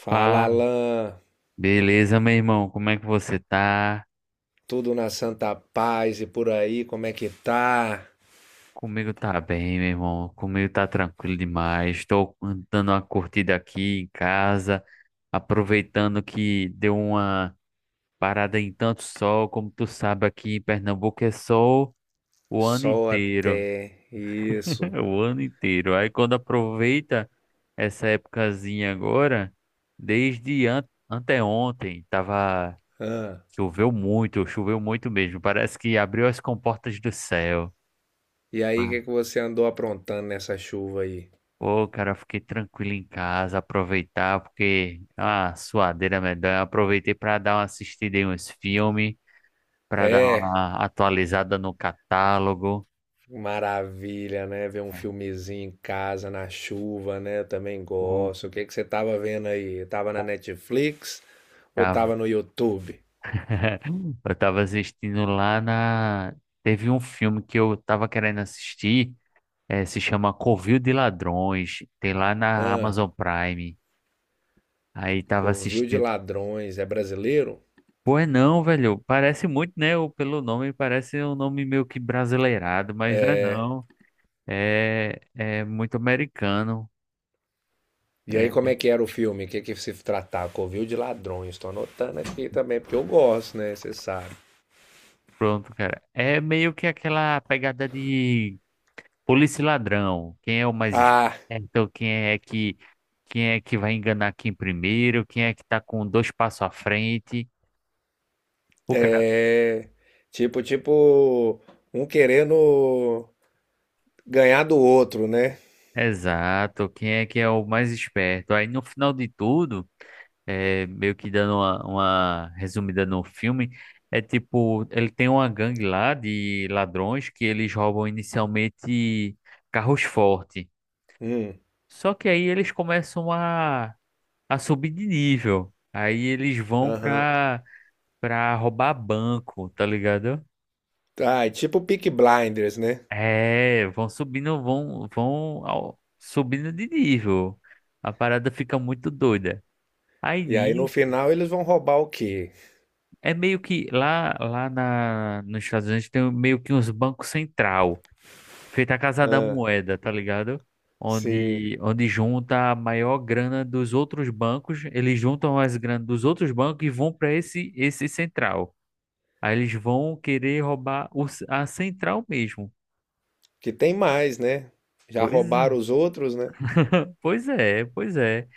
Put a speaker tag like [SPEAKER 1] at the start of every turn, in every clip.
[SPEAKER 1] Fala,
[SPEAKER 2] Pá,
[SPEAKER 1] Alan.
[SPEAKER 2] beleza, meu irmão? Como é que você tá?
[SPEAKER 1] Tudo na santa paz e por aí, como é que tá?
[SPEAKER 2] Comigo tá bem, meu irmão. Comigo tá tranquilo demais. Estou dando uma curtida aqui em casa, aproveitando que deu uma parada em tanto sol. Como tu sabe, aqui em Pernambuco é sol o ano
[SPEAKER 1] Sol
[SPEAKER 2] inteiro.
[SPEAKER 1] até. Isso.
[SPEAKER 2] O ano inteiro. Aí quando aproveita essa épocazinha agora, desde an anteontem, tava.
[SPEAKER 1] Ah,
[SPEAKER 2] Choveu muito mesmo. Parece que abriu as comportas do céu.
[SPEAKER 1] e aí, o
[SPEAKER 2] Ah,
[SPEAKER 1] que é que você andou aprontando nessa chuva aí?
[SPEAKER 2] Ô, cara, eu fiquei tranquilo em casa, aproveitar, porque a suadeira medonha. Aproveitei para dar uma assistida em uns filmes, para dar
[SPEAKER 1] É,
[SPEAKER 2] uma atualizada no catálogo.
[SPEAKER 1] maravilha, né? Ver um
[SPEAKER 2] É,
[SPEAKER 1] filmezinho em casa na chuva, né? Eu também
[SPEAKER 2] o
[SPEAKER 1] gosto. O que é que você tava vendo aí? Tava na Netflix ou
[SPEAKER 2] tava.
[SPEAKER 1] tava no YouTube?
[SPEAKER 2] Eu tava assistindo lá na. Teve um filme que eu tava querendo assistir, se chama Covil de Ladrões, tem lá na
[SPEAKER 1] Ah,
[SPEAKER 2] Amazon Prime. Aí tava
[SPEAKER 1] Covil de
[SPEAKER 2] assistindo.
[SPEAKER 1] Ladrões. É brasileiro?
[SPEAKER 2] Pois não, velho. Parece muito, né? Pelo nome, parece um nome meio que brasileirado, mas não é
[SPEAKER 1] É.
[SPEAKER 2] não. É, é muito americano.
[SPEAKER 1] E aí, como
[SPEAKER 2] É,
[SPEAKER 1] é que era o filme? O que é que se tratava? Covil de ladrões. Estou anotando aqui também, porque eu gosto, né? Você sabe.
[SPEAKER 2] pronto, cara. É meio que aquela pegada de polícia e ladrão. Quem é o mais
[SPEAKER 1] Ah,
[SPEAKER 2] esperto? Quem é que vai enganar quem primeiro? Quem é que tá com dois passos à frente?
[SPEAKER 1] é. Tipo, tipo, um querendo ganhar do outro, né?
[SPEAKER 2] Exato, quem é que é o mais esperto? Aí no final de tudo, é, meio que dando uma resumida no filme, é tipo, ele tem uma gangue lá de ladrões que eles roubam inicialmente carros fortes.
[SPEAKER 1] Hum,
[SPEAKER 2] Só que aí eles começam a subir de nível. Aí eles vão
[SPEAKER 1] aham.
[SPEAKER 2] pra roubar banco, tá ligado?
[SPEAKER 1] Ah, é tipo Peaky Blinders, né?
[SPEAKER 2] É, vão subindo, subindo de nível. A parada fica muito doida. Aí
[SPEAKER 1] E aí no
[SPEAKER 2] nisso,
[SPEAKER 1] final eles vão roubar o quê?
[SPEAKER 2] é meio que nos Estados Unidos tem meio que uns bancos central, feita a Casa da
[SPEAKER 1] Ah,
[SPEAKER 2] Moeda, tá ligado?
[SPEAKER 1] sim.
[SPEAKER 2] Onde junta a maior grana dos outros bancos, eles juntam as grana dos outros bancos e vão para esse central. Aí eles vão querer roubar o a central mesmo.
[SPEAKER 1] Que tem mais, né? Já
[SPEAKER 2] Pois,
[SPEAKER 1] roubaram os outros, né?
[SPEAKER 2] pois é, pois é.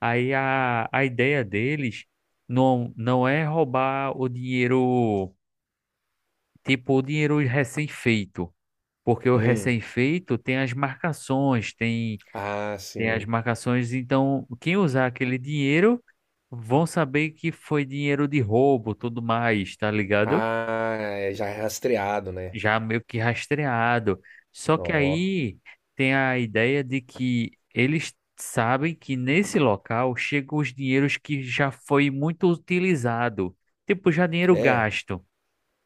[SPEAKER 2] Aí a ideia deles não é roubar o dinheiro. Tipo, o dinheiro recém-feito. Porque o
[SPEAKER 1] Hum.
[SPEAKER 2] recém-feito tem as marcações, tem,
[SPEAKER 1] Ah,
[SPEAKER 2] tem as
[SPEAKER 1] sim.
[SPEAKER 2] marcações. Então, quem usar aquele dinheiro vão saber que foi dinheiro de roubo, tudo mais, tá ligado?
[SPEAKER 1] Ah, é já é rastreado, né?
[SPEAKER 2] Já meio que rastreado. Só que
[SPEAKER 1] Ó.
[SPEAKER 2] aí tem a ideia de que eles sabem que nesse local chegam os dinheiros que já foi muito utilizado. Tipo, já dinheiro
[SPEAKER 1] É.
[SPEAKER 2] gasto.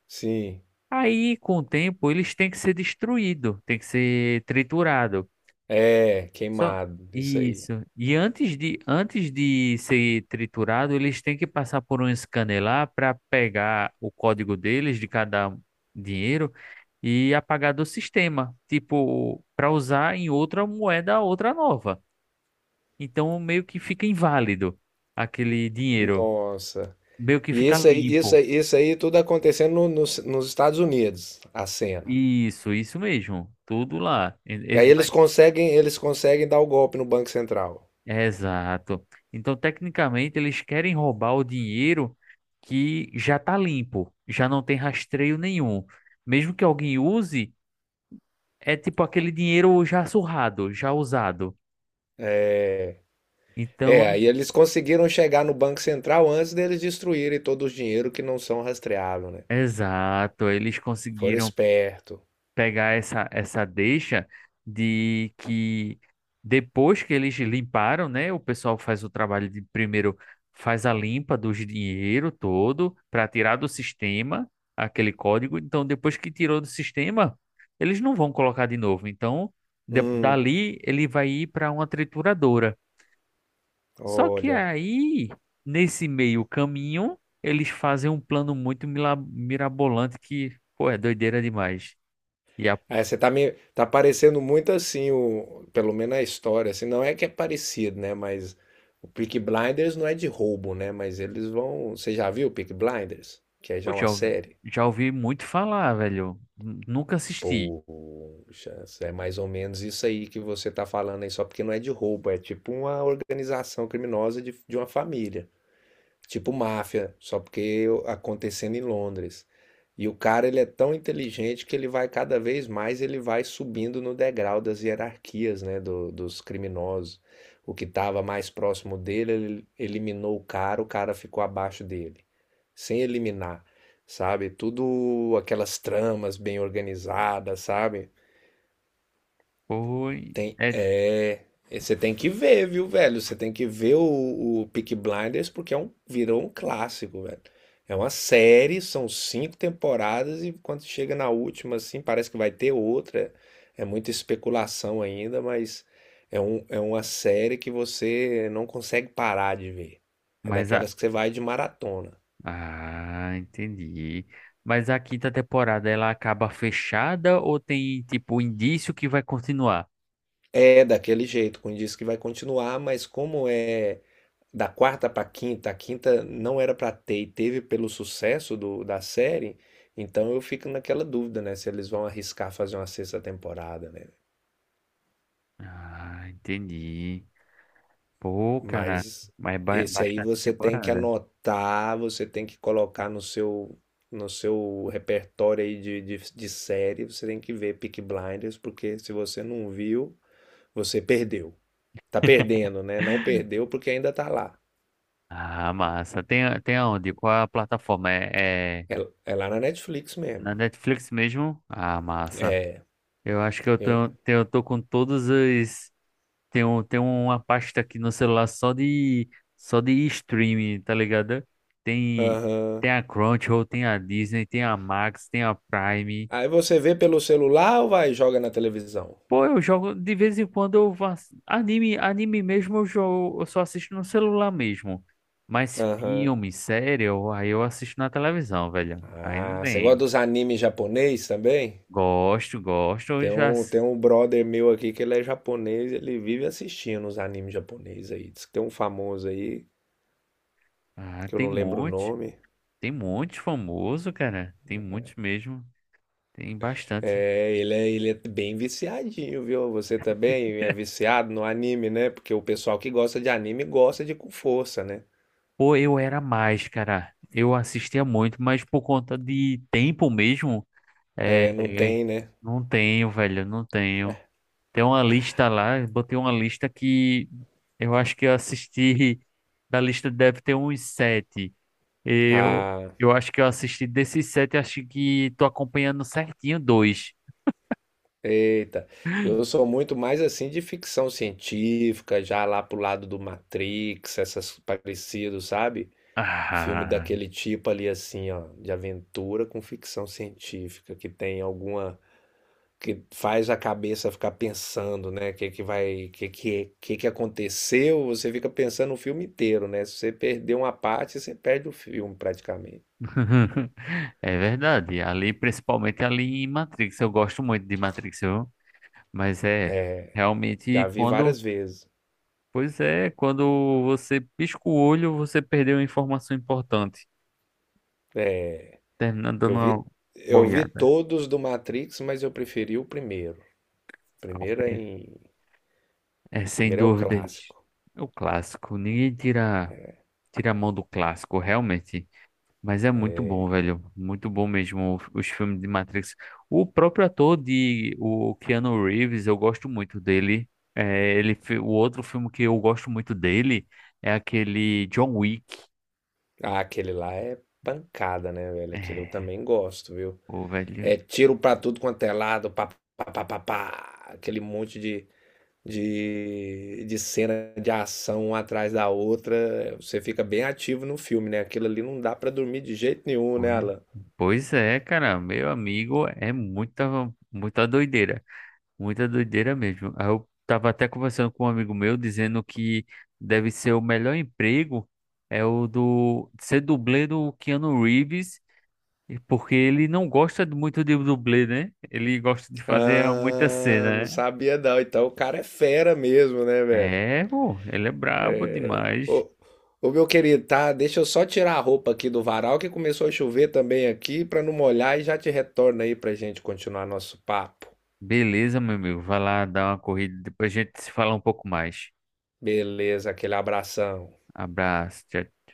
[SPEAKER 1] Sim.
[SPEAKER 2] Aí, com o tempo, eles têm que ser destruídos, têm que ser triturados.
[SPEAKER 1] É,
[SPEAKER 2] Só
[SPEAKER 1] queimado. Isso aí.
[SPEAKER 2] isso. E antes de ser triturado, eles têm que passar por um scanner lá para pegar o código deles de cada dinheiro e apagar do sistema, tipo, para usar em outra moeda, outra nova. Então, meio que fica inválido aquele dinheiro,
[SPEAKER 1] Nossa.
[SPEAKER 2] meio que
[SPEAKER 1] E
[SPEAKER 2] fica
[SPEAKER 1] isso aí, isso
[SPEAKER 2] limpo.
[SPEAKER 1] aí, isso aí tudo acontecendo nos Estados Unidos, a cena.
[SPEAKER 2] Isso mesmo. Tudo lá.
[SPEAKER 1] E aí eles conseguem dar o golpe no Banco Central.
[SPEAKER 2] Exato. Então, tecnicamente, eles querem roubar o dinheiro que já está limpo, já não tem rastreio nenhum. Mesmo que alguém use, é tipo aquele dinheiro já surrado, já usado.
[SPEAKER 1] É,
[SPEAKER 2] Então,
[SPEAKER 1] é,
[SPEAKER 2] é,
[SPEAKER 1] aí eles conseguiram chegar no Banco Central antes deles destruírem todo o dinheiro que não são rastreável, né?
[SPEAKER 2] exato, eles
[SPEAKER 1] Foram
[SPEAKER 2] conseguiram
[SPEAKER 1] esperto.
[SPEAKER 2] pegar essa deixa de que depois que eles limparam, né, o pessoal faz o trabalho de primeiro faz a limpa do dinheiro todo para tirar do sistema aquele código. Então, depois que tirou do sistema, eles não vão colocar de novo. Então,
[SPEAKER 1] Hum,
[SPEAKER 2] dali ele vai ir para uma trituradora. Só que
[SPEAKER 1] olha.
[SPEAKER 2] aí, nesse meio caminho, eles fazem um plano muito mirabolante que, pô, é doideira demais. E a
[SPEAKER 1] É, você tá parecendo muito assim o, pelo menos a história, assim, não é que é parecido, né, mas o Peaky Blinders não é de roubo, né, mas eles vão, você já viu o Peaky Blinders? Que é
[SPEAKER 2] Pô,
[SPEAKER 1] já uma série.
[SPEAKER 2] já ouvi muito falar, velho. Nunca assisti.
[SPEAKER 1] Poxa, é mais ou menos isso aí que você tá falando aí, só porque não é de roubo, é tipo uma organização criminosa de uma família, tipo máfia, só porque acontecendo em Londres. E o cara, ele é tão inteligente que ele vai cada vez mais, ele vai subindo no degrau das hierarquias, né, dos criminosos. O que estava mais próximo dele, ele eliminou o cara ficou abaixo dele, sem eliminar, sabe? Tudo aquelas tramas bem organizadas, sabe?
[SPEAKER 2] Foi.
[SPEAKER 1] Tem,
[SPEAKER 2] É,
[SPEAKER 1] é, e você tem que ver, viu, velho? Você tem que ver o Peaky Blinders porque é um, virou um clássico, velho. É uma série, são cinco temporadas e quando chega na última, assim, parece que vai ter outra. É muita especulação ainda, mas é, um, é uma série que você não consegue parar de ver. É
[SPEAKER 2] mas a.
[SPEAKER 1] daquelas que você vai de maratona.
[SPEAKER 2] Ah, entendi. Mas a quinta temporada ela acaba fechada ou tem, tipo, indício que vai continuar?
[SPEAKER 1] É daquele jeito, com diz que vai continuar, mas como é da quarta para quinta, a quinta não era para ter e teve pelo sucesso do, da série, então eu fico naquela dúvida, né, se eles vão arriscar fazer uma sexta temporada, né?
[SPEAKER 2] Ah, entendi. Pô, cara.
[SPEAKER 1] Mas
[SPEAKER 2] Mas
[SPEAKER 1] esse aí
[SPEAKER 2] bastante
[SPEAKER 1] você tem que
[SPEAKER 2] temporada.
[SPEAKER 1] anotar, você tem que colocar no seu no seu repertório aí de série, você tem que ver Peaky Blinders, porque se você não viu, você perdeu. Tá perdendo, né? Não perdeu porque ainda tá lá.
[SPEAKER 2] Ah, massa. Tem, tem aonde? Qual a plataforma? É
[SPEAKER 1] É, é lá na Netflix mesmo.
[SPEAKER 2] na Netflix mesmo? Ah, massa. Eu acho que
[SPEAKER 1] Eu-
[SPEAKER 2] eu tô com todas as. Tem, um, tem uma pasta aqui no celular só de streaming, tá ligado? Tem,
[SPEAKER 1] Aham.
[SPEAKER 2] tem a Crunchyroll, tem a Disney, tem a Max, tem a Prime.
[SPEAKER 1] Aí você vê pelo celular ou vai e joga na televisão?
[SPEAKER 2] Pô, eu jogo de vez em quando eu faço anime, anime mesmo eu jogo, eu só assisto no celular mesmo. Mas
[SPEAKER 1] Aham.
[SPEAKER 2] filme, série, aí eu assisto na televisão, velho. Aí não
[SPEAKER 1] Ah, você gosta
[SPEAKER 2] tem.
[SPEAKER 1] dos animes japonês também?
[SPEAKER 2] Gosto, gosto,
[SPEAKER 1] Tem um brother meu aqui que ele é japonês, ele vive assistindo os animes japoneses aí. Diz que tem um famoso aí,
[SPEAKER 2] Ah,
[SPEAKER 1] que eu não lembro o nome.
[SPEAKER 2] tem muitos famoso, cara. Tem muitos mesmo. Tem bastante.
[SPEAKER 1] É, ele é, ele é bem viciadinho, viu? Você também é viciado no anime, né? Porque o pessoal que gosta de anime gosta de com força, né?
[SPEAKER 2] Pô, eu era mais, cara. Eu assistia muito, mas por conta de tempo mesmo,
[SPEAKER 1] É, não
[SPEAKER 2] é,
[SPEAKER 1] tem, né?
[SPEAKER 2] não tenho, velho, não tenho. Tem uma lista lá, eu botei uma lista que eu acho que eu assisti, da lista deve ter uns sete. Eu,
[SPEAKER 1] Ah,
[SPEAKER 2] eu acho que eu assisti desses sete, acho que tô acompanhando certinho dois.
[SPEAKER 1] Eita, eu sou muito mais assim de ficção científica, já lá pro lado do Matrix, essas parecidos, sabe? Filme
[SPEAKER 2] Ah,
[SPEAKER 1] daquele tipo ali assim, ó, de aventura com ficção científica, que tem alguma que faz a cabeça ficar pensando, né? Que é que vai, que é que é, que é que aconteceu? Você fica pensando o filme inteiro, né? Se você perder uma parte, você perde o filme praticamente.
[SPEAKER 2] é verdade. Ali, principalmente ali em Matrix, eu gosto muito de Matrix, viu? Mas é, realmente
[SPEAKER 1] Já vi
[SPEAKER 2] quando,
[SPEAKER 1] várias vezes.
[SPEAKER 2] pois é, quando você pisca o olho, você perdeu uma informação importante, terminando
[SPEAKER 1] Eu
[SPEAKER 2] dando uma
[SPEAKER 1] vi eu vi
[SPEAKER 2] boiada.
[SPEAKER 1] todos do Matrix, mas eu preferi o primeiro.
[SPEAKER 2] ao
[SPEAKER 1] Primeiro é
[SPEAKER 2] pri-
[SPEAKER 1] em...
[SPEAKER 2] É sem
[SPEAKER 1] Primeiro é o
[SPEAKER 2] dúvidas.
[SPEAKER 1] clássico.
[SPEAKER 2] É o clássico, ninguém tira a mão do clássico, realmente. Mas é muito bom, velho, muito bom mesmo os filmes de Matrix. O próprio ator de o Keanu Reeves, eu gosto muito dele. É, o outro filme que eu gosto muito dele é aquele John Wick.
[SPEAKER 1] Ah, aquele lá é pancada, né, velho? Aquele eu
[SPEAKER 2] É.
[SPEAKER 1] também gosto, viu?
[SPEAKER 2] Ô, velho.
[SPEAKER 1] É tiro pra tudo quanto é lado, pá, pá, pá, pá, pá. Aquele monte de cena de ação uma atrás da outra. Você fica bem ativo no filme, né? Aquilo ali não dá pra dormir de jeito nenhum, né,
[SPEAKER 2] Pois
[SPEAKER 1] Alan?
[SPEAKER 2] pois é, cara, meu amigo, é muita, muita doideira. Muita doideira mesmo. Aí eu tava até conversando com um amigo meu dizendo que deve ser o melhor emprego é o do ser dublê do Keanu Reeves, e porque ele não gosta muito de dublê, né? Ele gosta de fazer muita
[SPEAKER 1] Ah, não
[SPEAKER 2] cena, né?
[SPEAKER 1] sabia não. Então o cara é fera mesmo, né, velho?
[SPEAKER 2] É, pô, ele é brabo demais.
[SPEAKER 1] Ô, ô, meu querido, tá? Deixa eu só tirar a roupa aqui do varal que começou a chover também aqui pra não molhar e já te retorno aí pra gente continuar nosso papo.
[SPEAKER 2] Beleza, meu amigo, vai lá dar uma corrida, depois a gente se fala um pouco mais.
[SPEAKER 1] Beleza, aquele abração.
[SPEAKER 2] Abraço, tchau.